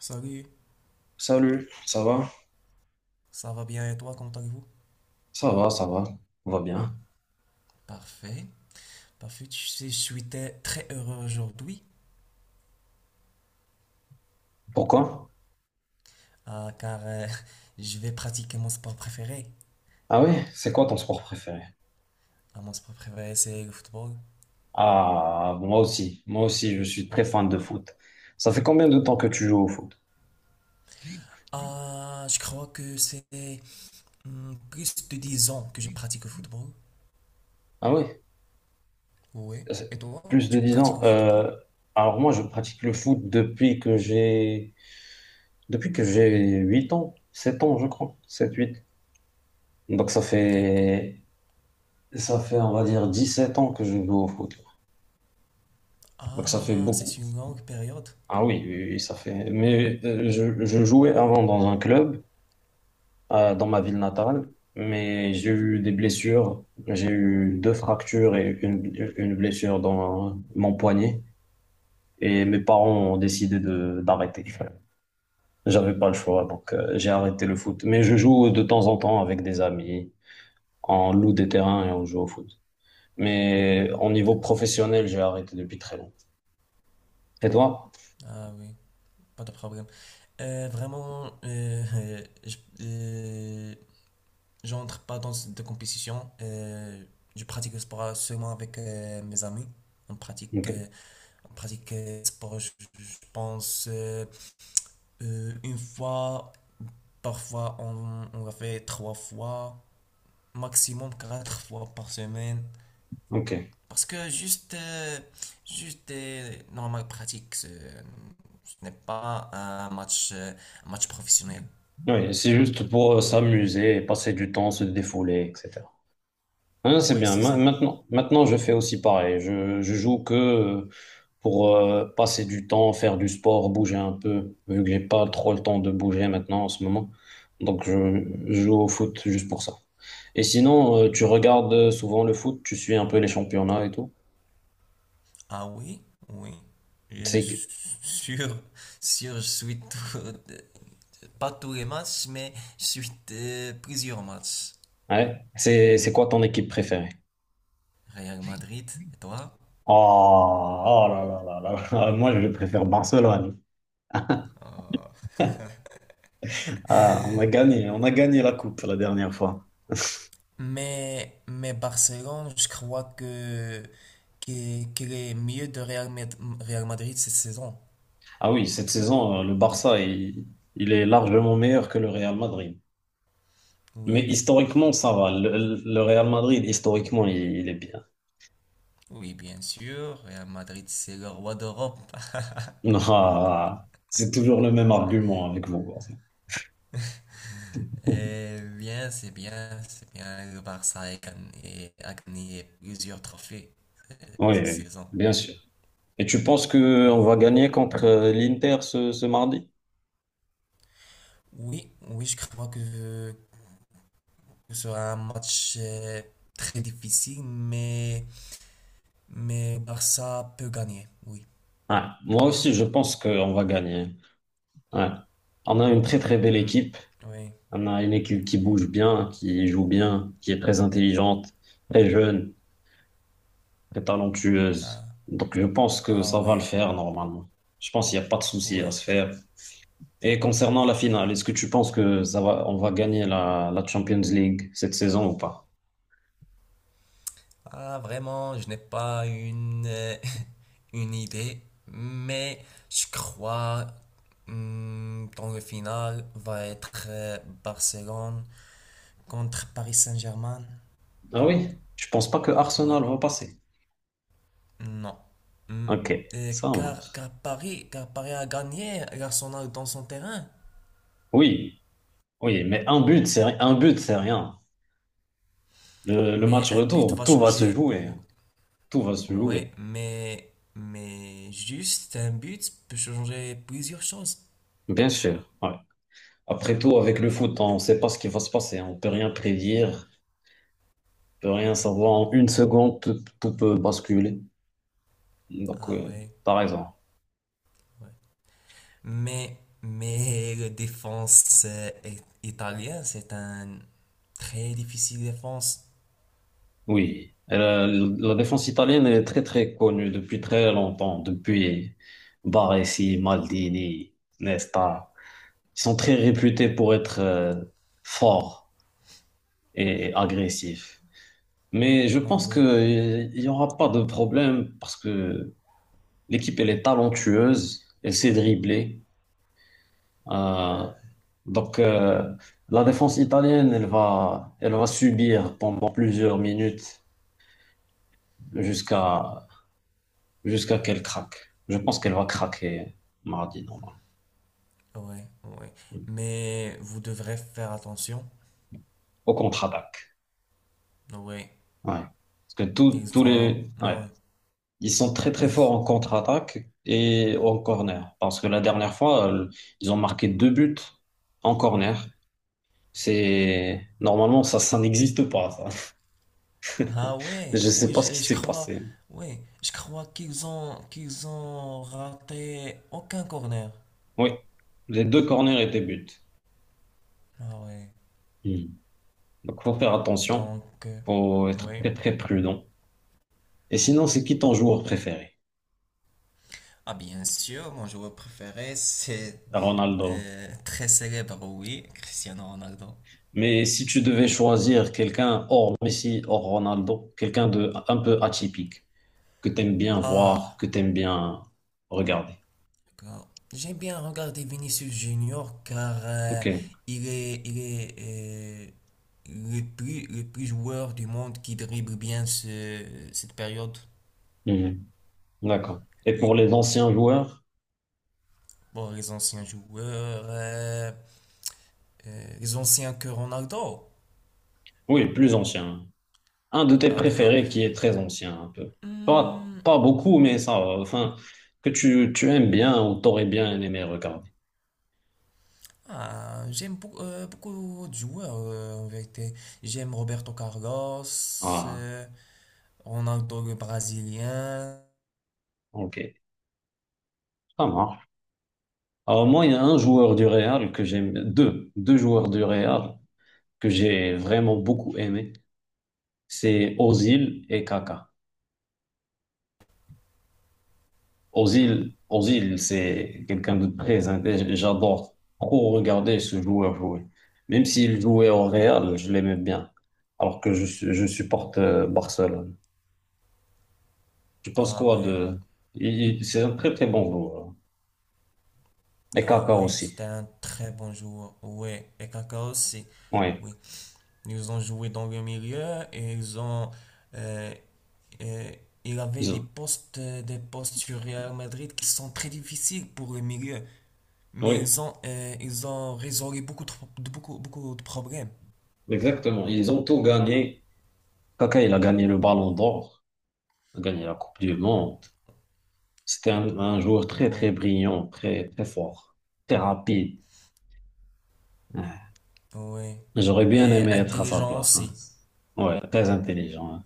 Salut, Salut, ça va? ça va bien et toi, comment allez-vous? Ça va, ça va, on va bien. Parfait. Parfait, je suis très très heureux aujourd'hui Pourquoi? Car je vais pratiquer mon sport préféré. Ah oui, c'est quoi ton sport préféré? Ah, mon sport préféré, c'est le football. Ah, moi aussi, je suis très fan de foot. Ça fait combien de temps que tu joues au foot? Ah, je crois que c'est plus de 10 ans que je pratique le football. Ah oui, Oui. c'est Et toi, plus tu de 10 pratiques ans. le football? Alors moi, je pratique le foot depuis que j'ai 8 ans, 7 ans, je crois, sept-huit. Donc D'accord. Ça fait, on va dire, 17 ans que je joue au foot. Donc ça fait Ah, beaucoup. c'est une longue période. Ah oui, oui, oui, ça fait. Mais je jouais avant dans un club, dans ma ville natale, mais j'ai eu des blessures. J'ai eu deux fractures et une blessure dans mon poignet. Et mes parents ont décidé de d'arrêter. J'avais pas le choix, donc j'ai arrêté le foot. Mais je joue de temps en temps avec des amis, on loue des terrains et on joue au foot. Mais au niveau professionnel, j'ai arrêté depuis très longtemps. Et toi? Ah oui, pas de problème. Vraiment, j'entre pas dans de compétition. Je pratique le sport seulement avec mes amis. On pratique, Ok, euh, on pratique le sport, je pense, une fois. Parfois, on l'a fait trois fois, maximum quatre fois par semaine. ok. Parce que juste normal pratique, ce n'est pas un match, un match professionnel. Oui, c'est juste pour s'amuser, passer du temps, se défouler, etc. Hein, c'est Oui, bien. c'est ça. Maintenant, maintenant, je fais aussi pareil. Je joue que pour passer du temps, faire du sport, bouger un peu, vu que j'ai pas trop le temps de bouger maintenant en ce moment. Donc, je joue au foot juste pour ça. Et sinon, tu regardes souvent le foot, tu suis un peu les championnats et tout. Ah oui, oui. Je C'est, suis sûr, sûr, pas tous les matchs, mais je suis plusieurs matchs. C'est quoi ton équipe préférée? Real Madrid, et toi? Oh, oh là là là là. Moi, je préfère Barcelone. Ah. Ah, on a gagné la coupe la dernière fois. Mais Barcelone, je crois qu'elle est mieux de Real Madrid cette saison. Ah oui, cette saison, il est largement meilleur que le Real Madrid. Mais Oui, historiquement, ça va. Le Real Madrid, historiquement, il est bien. oui, bien sûr. Real Madrid, c'est le roi d'Europe. Ah, c'est toujours le même argument avec vous. Eh bien, c'est bien, c'est bien. Le Barça a gagné plusieurs trophées euh, Oui, cette oui, saison. bien sûr. Et tu penses que on Oui, va gagner contre l'Inter ce mardi? oui, oui, je crois que ce sera un match très difficile, mais le Barça peut gagner, oui. Ouais. Moi aussi, je pense qu'on va gagner. Ouais. On a une très très belle Hmm. équipe. Oui, On a une équipe qui bouge bien, qui joue bien, qui est très intelligente, très jeune, très talentueuse. ah, Donc, je pense que ah ça va le ouais, faire normalement. Je pense qu'il n'y a pas de souci à ouais. se faire. Et concernant la finale, est-ce que tu penses que on va gagner la Champions League cette saison ou pas? Ah, vraiment, je n'ai pas une idée, mais je crois hmm, dans le final va être Barcelone contre Paris Saint-Germain. Ah oui, je pense pas que Ouais, Arsenal va passer. non. Hmm, Ok, ça marche. Car Paris a gagné l'Arsenal dans son terrain, Oui, oui, mais un but, c'est un but, c'est rien. Le mais match un but retour, va tout va se changer. jouer. Tout va se Ouais, jouer, mais juste un but peut changer plusieurs choses. bien sûr. Ouais. Après tout, avec le foot, on ne sait pas ce qui va se passer. On ne peut rien prédire, on ne peut rien savoir. En une seconde, tout peut basculer. Donc, Ah ouais, par exemple, ouais. Mais, mais le défense italien, c'est un très difficile défense. oui. Et la défense italienne est très, très connue depuis très longtemps, depuis Baresi, Maldini, Nesta. Ils sont très réputés pour être forts et agressifs. Mais je Ah pense oui, qu'il n'y aura pas de problème parce que l'équipe, elle est talentueuse, elle sait dribbler. Euh, donc, euh, la défense italienne, elle va subir pendant plusieurs minutes jusqu'à jusqu'à qu'elle craque. Je pense qu'elle va craquer mardi, normalement, ouais, ouais. Mais vous devrez faire attention. au contre-attaque. Ouais, Ouais. Parce que tous ils tous ont un- les, ouais. ouais, Ils sont très très forts ils- en contre-attaque et en corner. Parce que la dernière fois, ils ont marqué deux buts en corner. C'est normalement ça, ça n'existe pas. Ça. Ah ouais, Je sais oui, pas ce qui je s'est crois, passé. ouais, je crois qu'ils ont raté aucun corner. Oui, les deux corners étaient buts. Ah ouais. Hmm. Donc, faut faire attention. Donc, Faut être ouais. très, très prudent. Et sinon, c'est qui ton joueur préféré? Ah bien sûr, mon joueur préféré, c'est Ronaldo. Très célèbre, oui, Cristiano Ronaldo. Mais si tu devais choisir quelqu'un hors Messi, hors Ronaldo, quelqu'un de un peu atypique, que t'aimes bien voir, Ah, que t'aimes bien regarder. d'accord. J'aime bien regarder Vinicius Junior car Ok. Il est le plus joueur du monde qui dribble bien cette période. Hmm. D'accord. Et pour Oui. les anciens joueurs? Bon, les anciens joueurs, les anciens que Ronaldo. Oui, plus anciens. Un de tes Ah, d'accord. préférés qui est très ancien, un peu. Pas, Hmm. pas beaucoup, mais ça, va. Enfin, que tu aimes bien ou t'aurais bien aimé regarder. Ah, j'aime beaucoup, beaucoup de joueurs en vérité. J'aime Roberto Carlos, Ah, euh, Ronaldo le Brésilien. ok, ça marche. Alors moi, il y a un joueur du Real que j'aime, deux joueurs du Real que j'ai vraiment beaucoup aimé. C'est Ozil et Kaka. Ozil, c'est quelqu'un de très intelligent. J'adore trop regarder ce joueur jouer. Même s'il jouait au Real, je l'aimais bien. Alors que je supporte Barcelone. Tu penses Ah quoi ouais, de... il- C'est un très très bon joueur, hein. Et ah Kaka ouais, aussi. c'était un très bon joueur. Ouais, et Kaká aussi. Oui, Oui, ils ont joué dans le milieu et ils ont. euh, euh, il avait ils ont... des postes sur Real Madrid qui sont très difficiles pour le milieu, mais Oui, ils ont résolu beaucoup de, beaucoup, beaucoup de problèmes. exactement. Ils ont tout gagné. Kaka, il a gagné le Ballon d'Or, il a gagné la Coupe du Monde. C'était un joueur très Ouais. très brillant, très très fort, très rapide. Ouais. Oui. J'aurais bien Et aimé être à sa intelligent place, hein. aussi. Ouais, très intelligent, hein.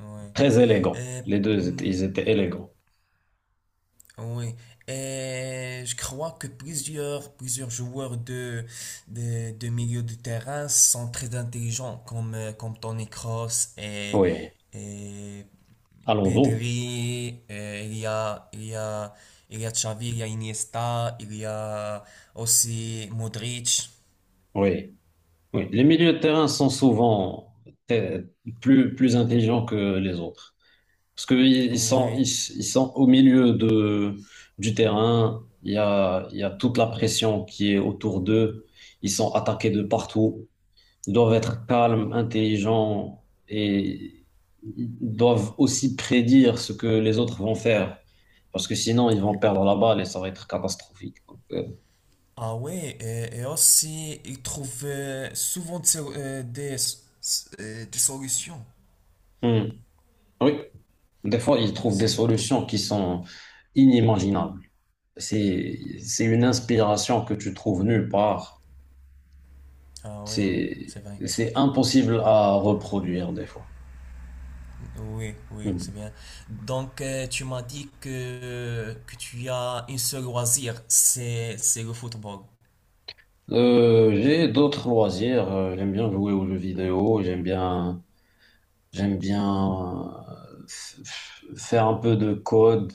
Oui. Très élégant. Et, hmm, Ils étaient élégants. oui. Et je crois que plusieurs, plusieurs joueurs de milieu de terrain sont très intelligents, comme Toni Kroos et, Oui. et Alonso, Pedri. Et il y a, il y a, il y a Xavi, il y a Iniesta, il y a aussi Modric. oui. Oui, les milieux de terrain sont souvent te- plus, plus intelligents que les autres. Parce qu'ils ils, Oui. ils sont au milieu du terrain, il y a toute la pression qui est autour d'eux, ils sont attaqués de partout, ils doivent être calmes, intelligents et ils doivent aussi prédire ce que les autres vont faire. Parce que sinon, ils vont perdre la balle et ça va être catastrophique. Donc, Ah ouais, et aussi, ils trouvent souvent des solutions. hmm. Oui. Des fois, ils Oui, trouvent c'est des bien. solutions qui sont inimaginables. C'est une inspiration que tu trouves nulle part. Ah oui, C'est, c'est vrai. c'est impossible à reproduire des fois. Oui, oui, c'est Mhm. bien. Donc, tu m'as dit que tu as un seul loisir, c'est le football. J'ai d'autres loisirs. J'aime bien jouer aux jeux vidéo. J'aime bien faire un peu de code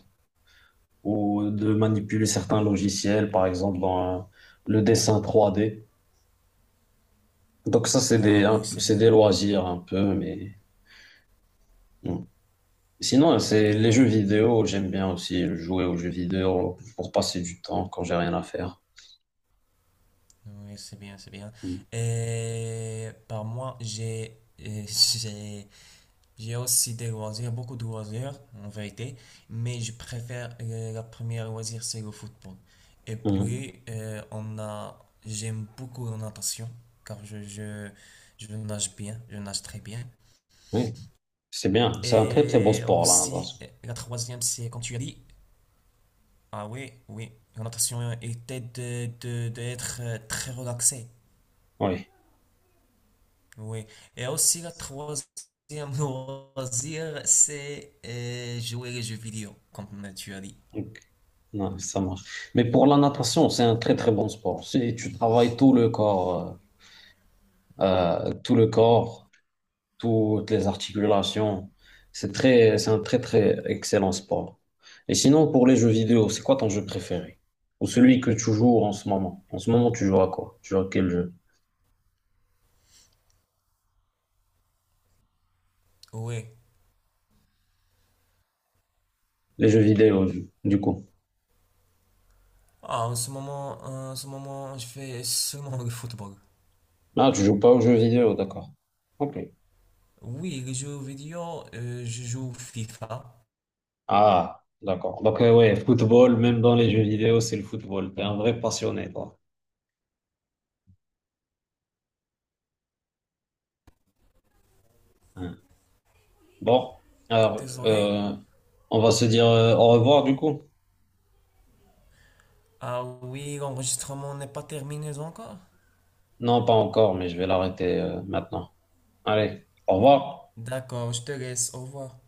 ou de manipuler certains logiciels, par exemple dans le dessin 3D. Donc ça, c'est Ah oui, c'est c'est bien. des loisirs un peu, mais. Mhm. Sinon, c'est les jeux Oui, vidéo, j'aime bien aussi jouer aux jeux vidéo pour passer du temps quand j'ai rien à faire. oui, c'est bien, c'est bien. Mm. Et par moi, euh, j'ai J'ai aussi des loisirs, beaucoup de loisirs en vérité, mais je préfère la première loisir, c'est le football. Et Mm. puis, j'aime beaucoup la natation, car je nage bien, je nage très bien. Oui, c'est bien. C'est un très très bon Et sport, la aussi, natation. La troisième, c'est quand tu as dit, ah oui, oui, la natation était d'être très relaxé. Oui, Oui. Et aussi, la troisième loisir, c'est jouer les jeux vidéo, comme tu as dit. donc, non, ça marche. Mais pour la natation, c'est un très très bon sport. C'est- Tu travailles tout le corps, toutes les articulations. C'est c'est un très très excellent sport. Et sinon, pour les jeux vidéo, c'est quoi ton jeu préféré? Ou celui que tu joues en ce moment? En ce moment, tu joues à quoi? Tu joues à quel jeu? Oui. Les jeux vidéo, du coup. Ah, en ce moment, je fais seulement le football. Ah, tu joues pas aux jeux vidéo, d'accord. Ok. Oui, les jeux vidéo, je joue FIFA. Ah, d'accord. Donc, ouais, football, même dans les jeux vidéo, c'est le football. T'es un vrai passionné, toi, hein. Bon, alors, Désolé. On va se dire au revoir, du coup. Ah oui, l'enregistrement n'est pas terminé encore. Non, pas encore, mais je vais l'arrêter maintenant. Allez, au revoir. D'accord, je te laisse. Au revoir.